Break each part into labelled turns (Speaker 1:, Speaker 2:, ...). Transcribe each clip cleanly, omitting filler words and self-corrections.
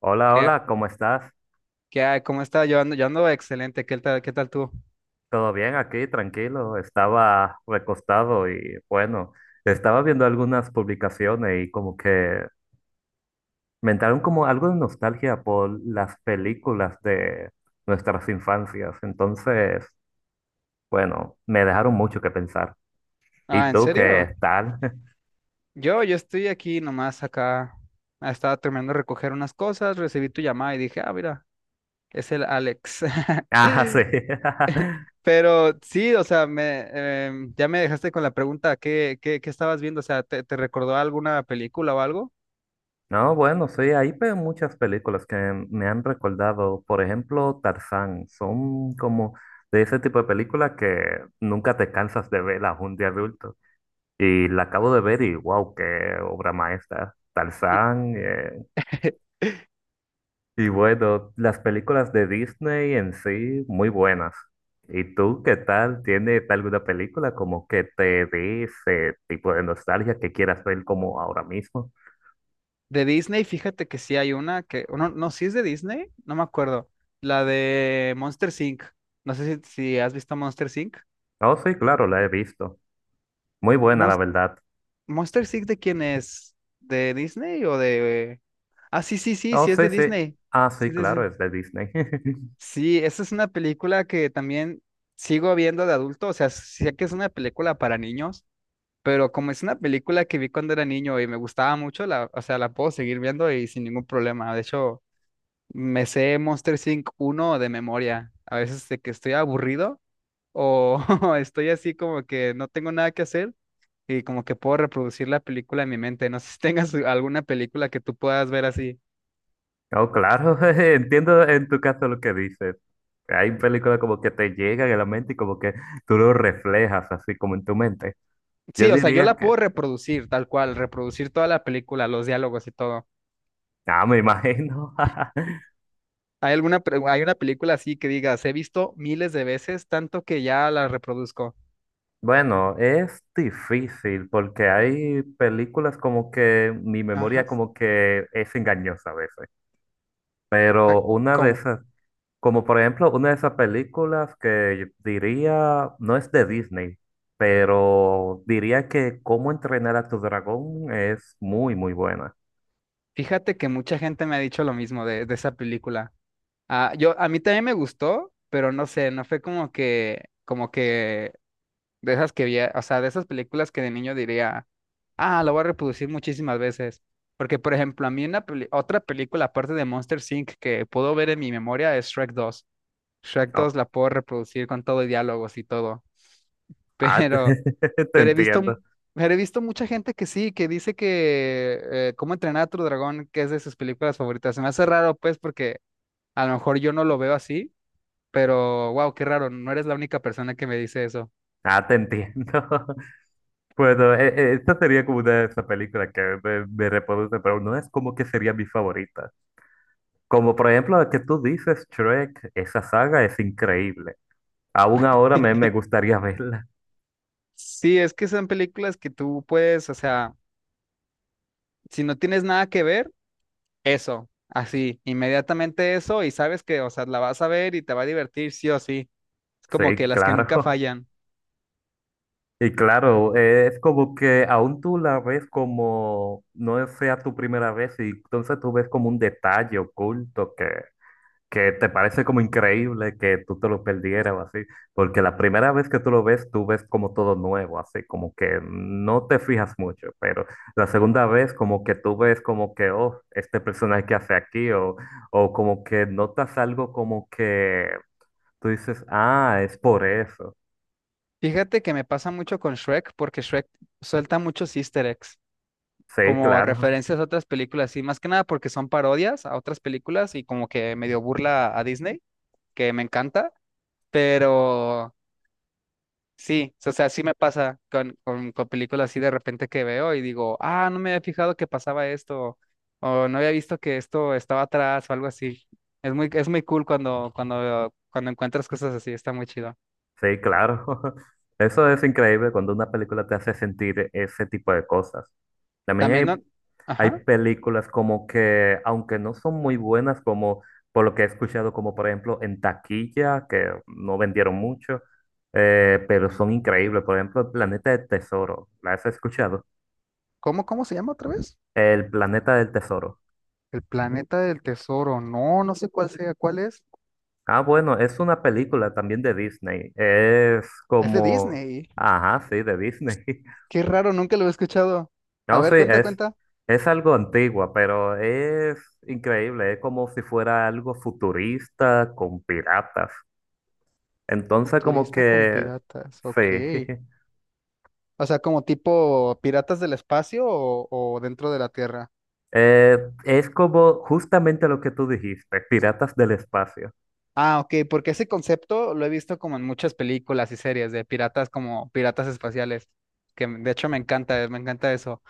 Speaker 1: Hola,
Speaker 2: ¿Qué,
Speaker 1: hola, ¿cómo estás?
Speaker 2: qué hay? ¿Cómo está? Yo ando excelente. ¿Qué tal tú?
Speaker 1: ¿Todo bien aquí? Tranquilo. Estaba recostado y bueno, estaba viendo algunas publicaciones y como que me entraron como algo de nostalgia por las películas de nuestras infancias. Entonces, bueno, me dejaron mucho que pensar. ¿Y
Speaker 2: Ah, ¿en
Speaker 1: tú
Speaker 2: serio?
Speaker 1: qué tal?
Speaker 2: Yo estoy aquí nomás acá. Ah, estaba terminando de recoger unas cosas, recibí tu llamada y dije, ah, mira, es el Alex.
Speaker 1: Ah, sí.
Speaker 2: Pero sí, o sea, ya me dejaste con la pregunta, ¿qué estabas viendo? O sea, ¿te recordó alguna película o algo?
Speaker 1: No, bueno, sí, hay muchas películas que me han recordado, por ejemplo, Tarzán, son como de ese tipo de películas que nunca te cansas de verlas un día adulto. Y la acabo de ver y wow, qué obra maestra, Tarzán. Y bueno, las películas de Disney en sí, muy buenas. ¿Y tú qué tal? ¿Tienes alguna película como que te dé ese tipo de nostalgia que quieras ver como ahora mismo?
Speaker 2: De Disney, fíjate que sí hay una que, o no, no, sí es de Disney, no me acuerdo. La de Monsters Inc. No sé si has visto Monsters Inc.
Speaker 1: Oh, sí, claro, la he visto. Muy buena, la verdad.
Speaker 2: ¿Monster Inc. de quién es? ¿De Disney o de...? Ah, sí, sí, sí,
Speaker 1: Oh,
Speaker 2: sí es
Speaker 1: sí,
Speaker 2: de
Speaker 1: sí.
Speaker 2: Disney.
Speaker 1: Ah, sí,
Speaker 2: Sí, sí, sí.
Speaker 1: claro, es de Disney.
Speaker 2: Sí, esa es una película que también sigo viendo de adulto. O sea, sé que es una película para niños, pero como es una película que vi cuando era niño y me gustaba mucho, la, o sea, la puedo seguir viendo y sin ningún problema. De hecho, me sé Monster Inc. uno de memoria. A veces de que estoy aburrido o estoy así como que no tengo nada que hacer y como que puedo reproducir la película en mi mente. No sé si tengas alguna película que tú puedas ver así.
Speaker 1: Oh, claro, entiendo en tu caso lo que dices. Hay películas como que te llegan a la mente y como que tú lo reflejas así como en tu mente. Yo
Speaker 2: Sí, o sea, yo
Speaker 1: diría
Speaker 2: la
Speaker 1: que,
Speaker 2: puedo reproducir tal cual, reproducir toda la película, los diálogos y todo.
Speaker 1: ah, me imagino.
Speaker 2: ¿Hay alguna, hay una película así que digas, he visto miles de veces, tanto que ya la reproduzco?
Speaker 1: Bueno, es difícil porque hay películas como que mi
Speaker 2: Ajá.
Speaker 1: memoria como que es engañosa a veces. Pero una de
Speaker 2: ¿Cómo?
Speaker 1: esas. Como por ejemplo, una de esas películas que yo diría, no es de Disney, pero diría que Cómo entrenar a tu dragón es muy, muy buena.
Speaker 2: Fíjate que mucha gente me ha dicho lo mismo de esa película. Ah, a mí también me gustó, pero no sé, no fue como que de esas que vi, o sea, de esas películas que de niño diría. Ah, lo voy a reproducir muchísimas veces. Porque, por ejemplo, a mí otra película aparte de Monster Inc. que puedo ver en mi memoria es Shrek 2. Shrek dos
Speaker 1: Oh,
Speaker 2: la puedo reproducir con todo y diálogos y todo.
Speaker 1: ah,
Speaker 2: Pero,
Speaker 1: te
Speaker 2: pero he visto, mu-
Speaker 1: entiendo.
Speaker 2: pero he visto mucha gente que sí, que dice que Cómo entrenar a tu dragón, que es de sus películas favoritas. Se me hace raro, pues, porque a lo mejor yo no lo veo así, pero wow, qué raro, no eres la única persona que me dice eso.
Speaker 1: Ah, te entiendo. Bueno, esta sería como una de esas películas que me reproduce, pero no es como que sería mi favorita. Como por ejemplo la que tú dices, Shrek, esa saga es increíble. Aún ahora me gustaría verla.
Speaker 2: Sí, es que son películas que tú puedes, o sea, si no tienes nada que ver. Eso, así, inmediatamente eso y sabes que, o sea, la vas a ver y te va a divertir sí o sí. Es como que
Speaker 1: Sí,
Speaker 2: las que nunca
Speaker 1: claro.
Speaker 2: fallan.
Speaker 1: Y claro, es como que aún tú la ves como no sea tu primera vez y entonces tú ves como un detalle oculto que te parece como increíble que tú te lo perdieras o así, porque la primera vez que tú lo ves, tú ves como todo nuevo, así como que no te fijas mucho, pero la segunda vez como que tú ves como que, oh, este personaje que hace aquí o como que notas algo como que tú dices, ah, es por eso.
Speaker 2: Fíjate que me pasa mucho con Shrek porque Shrek suelta muchos easter eggs,
Speaker 1: Sí,
Speaker 2: como
Speaker 1: claro.
Speaker 2: referencias a otras películas y más que nada porque son parodias a otras películas y como que medio burla a Disney, que me encanta, pero. Sí, o sea, sí me pasa con películas así de repente que veo y digo, ah, no me había fijado que pasaba esto, o no había visto que esto estaba atrás o algo así. Es muy cool cuando encuentras cosas así, está muy chido.
Speaker 1: Sí, claro. Eso es increíble cuando una película te hace sentir ese tipo de cosas. También
Speaker 2: También,
Speaker 1: hay, hay
Speaker 2: ajá,
Speaker 1: películas como que, aunque no son muy buenas, como por lo que he escuchado, como por ejemplo en taquilla, que no vendieron mucho, pero son increíbles. Por ejemplo, El Planeta del Tesoro. ¿La has escuchado?
Speaker 2: ¿cómo se llama otra vez?
Speaker 1: El Planeta del Tesoro.
Speaker 2: El planeta del tesoro, no, no sé cuál sea, cuál es.
Speaker 1: Ah, bueno, es una película también de Disney. Es
Speaker 2: Es de
Speaker 1: como...
Speaker 2: Disney,
Speaker 1: Ajá, sí, de Disney.
Speaker 2: qué raro, nunca lo he escuchado. A
Speaker 1: No, sí,
Speaker 2: ver, cuenta, cuenta.
Speaker 1: es algo antigua, pero es increíble, es como si fuera algo futurista con piratas. Entonces, como
Speaker 2: Futurista con
Speaker 1: que,
Speaker 2: piratas,
Speaker 1: sí,
Speaker 2: ok. O sea, como tipo piratas del espacio o dentro de la Tierra.
Speaker 1: Eh, es como justamente lo que tú dijiste, Piratas del Espacio.
Speaker 2: Ah, ok, porque ese concepto lo he visto como en muchas películas y series de piratas como piratas espaciales, que de hecho me encanta eso.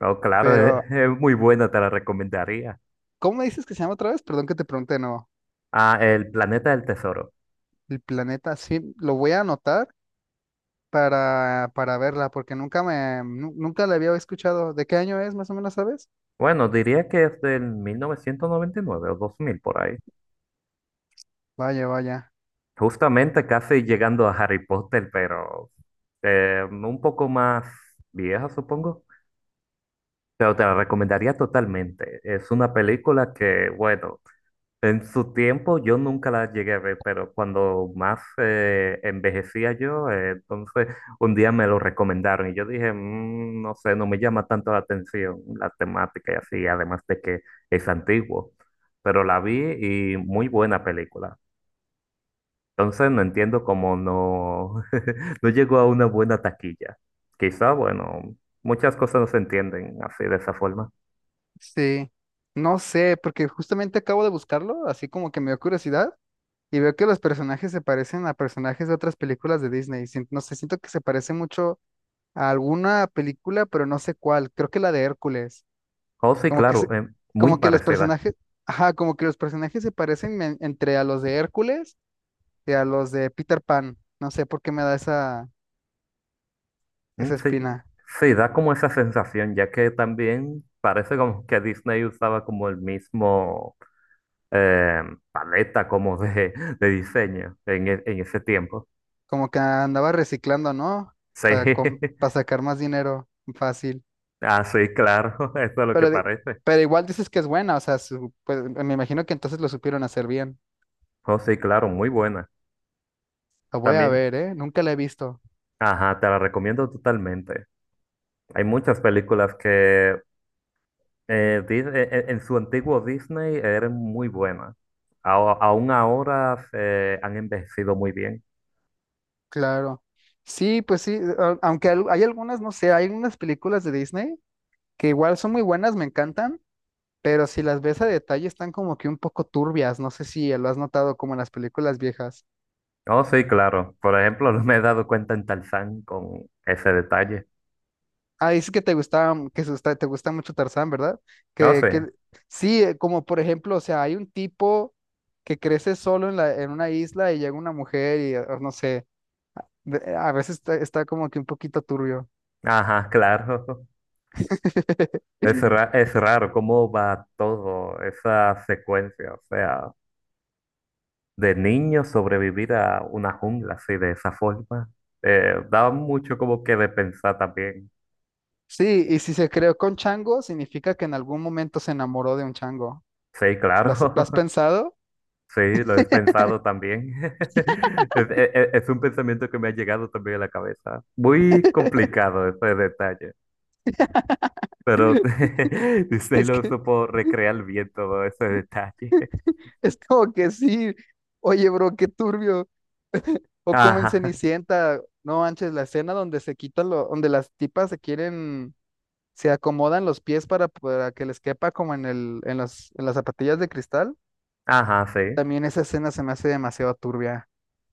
Speaker 1: No, claro,
Speaker 2: Pero,
Speaker 1: es muy buena, te la recomendaría.
Speaker 2: ¿cómo me dices que se llama otra vez? Perdón que te pregunte, no.
Speaker 1: Ah, El Planeta del Tesoro.
Speaker 2: El planeta, sí, lo voy a anotar para verla, porque nunca me, nu- nunca la había escuchado. ¿De qué año es, más o menos, sabes?
Speaker 1: Bueno, diría que es del 1999 o 2000 por ahí.
Speaker 2: Vaya, vaya.
Speaker 1: Justamente casi llegando a Harry Potter, pero un poco más vieja, supongo. Pero te la recomendaría totalmente. Es una película que, bueno, en su tiempo yo nunca la llegué a ver, pero cuando más envejecía yo, entonces un día me lo recomendaron y yo dije, "Mm, no sé, no me llama tanto la atención la temática y así, además de que es antiguo". Pero la vi y muy buena película. Entonces no entiendo cómo no, no llegó a una buena taquilla. Quizá, bueno, muchas cosas no se entienden así de esa forma.
Speaker 2: Sí. No sé, porque justamente acabo de buscarlo, así como que me dio curiosidad. Y veo que los personajes se parecen a personajes de otras películas de Disney. No sé, siento que se parece mucho a alguna película, pero no sé cuál. Creo que la de Hércules.
Speaker 1: Oh, sí,
Speaker 2: Como que
Speaker 1: claro,
Speaker 2: se,
Speaker 1: muy
Speaker 2: como que los
Speaker 1: parecida.
Speaker 2: personajes, ajá, como que los personajes se parecen entre a los de Hércules y a los de Peter Pan. No sé por qué me da esa,
Speaker 1: Mm,
Speaker 2: esa
Speaker 1: sí,
Speaker 2: espina.
Speaker 1: sí, da como esa sensación, ya que también parece como que Disney usaba como el mismo eh, paleta como de, de diseño en ese tiempo.
Speaker 2: Como que andaba reciclando, ¿no?
Speaker 1: Sí,
Speaker 2: Para, para sacar más dinero fácil.
Speaker 1: ah, sí, claro, eso es lo que
Speaker 2: Pero, de-
Speaker 1: parece.
Speaker 2: pero igual dices que es buena, o sea, pues, me imagino que entonces lo supieron hacer bien.
Speaker 1: Oh, sí, claro, muy buena.
Speaker 2: La voy a
Speaker 1: También,
Speaker 2: ver, ¿eh? Nunca la he visto.
Speaker 1: ajá, te la recomiendo totalmente. Hay muchas películas que en su antiguo Disney eran muy buenas. Aún ahora se han envejecido muy bien.
Speaker 2: Claro. Sí, pues sí, aunque hay algunas, no sé, hay unas películas de Disney que igual son muy buenas, me encantan, pero si las ves a detalle están como que un poco turbias, no sé si lo has notado como en las películas viejas.
Speaker 1: Oh, sí, claro. Por ejemplo, no me he dado cuenta en Tarzán con ese detalle.
Speaker 2: Ah, dices que te gustaba, que te gusta mucho Tarzán, ¿verdad?
Speaker 1: Oh, sí.
Speaker 2: Que sí, como por ejemplo, o sea, hay un tipo que crece solo en una isla y llega una mujer y no sé, a veces está como que un poquito turbio.
Speaker 1: Ajá, claro. Es raro cómo va todo esa secuencia. O sea, de niño sobrevivir a una jungla así de esa forma. Da mucho como que de pensar también.
Speaker 2: Sí, y si se creó con chango, significa que en algún momento se enamoró de un chango.
Speaker 1: Sí,
Speaker 2: ¿Lo
Speaker 1: claro.
Speaker 2: has, lo has pensado?
Speaker 1: Sí, lo he pensado también. Es un pensamiento que me ha llegado también a la cabeza. Muy complicado ese detalle, pero Disney
Speaker 2: Es
Speaker 1: lo
Speaker 2: que
Speaker 1: supo recrear bien todo ese detalle.
Speaker 2: es como que sí. Oye, bro, qué turbio. O como en
Speaker 1: Ajá,
Speaker 2: Cenicienta, no manches, la escena donde se quitan lo, donde las tipas se quieren, se acomodan los pies para que les quepa como en las zapatillas de cristal.
Speaker 1: ajá, sí.
Speaker 2: También esa escena se me hace demasiado turbia.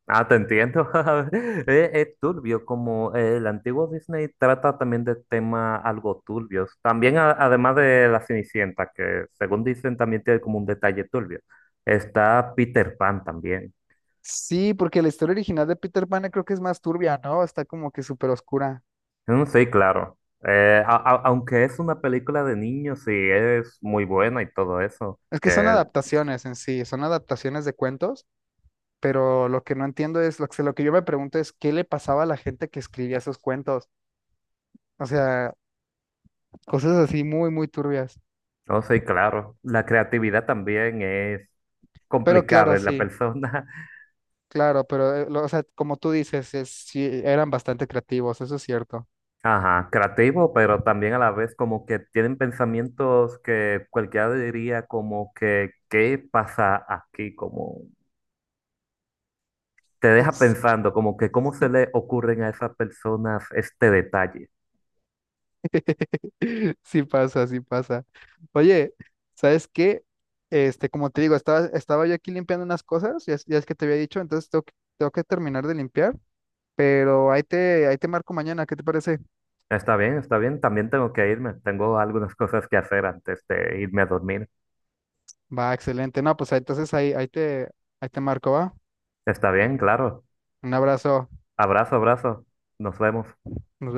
Speaker 1: Ah, te entiendo. Es turbio como el antiguo Disney trata también de temas algo turbios. También además de La Cenicienta, que según dicen también tiene como un detalle turbio. Está Peter Pan también.
Speaker 2: Sí, porque la historia original de Peter Pan creo que es más turbia, ¿no? Está como que súper oscura.
Speaker 1: Mm, sí, claro. Aunque es una película de niños, sí, es muy buena y todo eso,
Speaker 2: Es que son
Speaker 1: que,
Speaker 2: adaptaciones en sí, son adaptaciones de cuentos, pero lo que no entiendo es, lo que yo me pregunto es, ¿qué le pasaba a la gente que escribía esos cuentos? O sea, cosas así muy, muy turbias.
Speaker 1: no sí, claro. La creatividad también es
Speaker 2: Pero
Speaker 1: complicado
Speaker 2: claro,
Speaker 1: en la
Speaker 2: sí,
Speaker 1: persona.
Speaker 2: claro, pero, o sea, como tú dices, sí, eran bastante creativos, eso es cierto.
Speaker 1: Ajá, creativo, pero también a la vez como que tienen pensamientos que cualquiera diría como que, ¿qué pasa aquí? Como te deja pensando, como que cómo se le ocurren a esas personas este detalle.
Speaker 2: Sí sí pasa, sí pasa. Oye, ¿sabes qué? Este, como te digo, estaba yo aquí limpiando unas cosas, ya es que te había dicho, entonces tengo que terminar de limpiar. Pero ahí te marco mañana, ¿qué te parece?
Speaker 1: Está bien, está bien. También tengo que irme. Tengo algunas cosas que hacer antes de irme a dormir.
Speaker 2: Va, excelente. No, pues entonces ahí te marco, ¿va?
Speaker 1: Está bien, claro.
Speaker 2: Un abrazo.
Speaker 1: Abrazo, abrazo. Nos vemos.
Speaker 2: Nos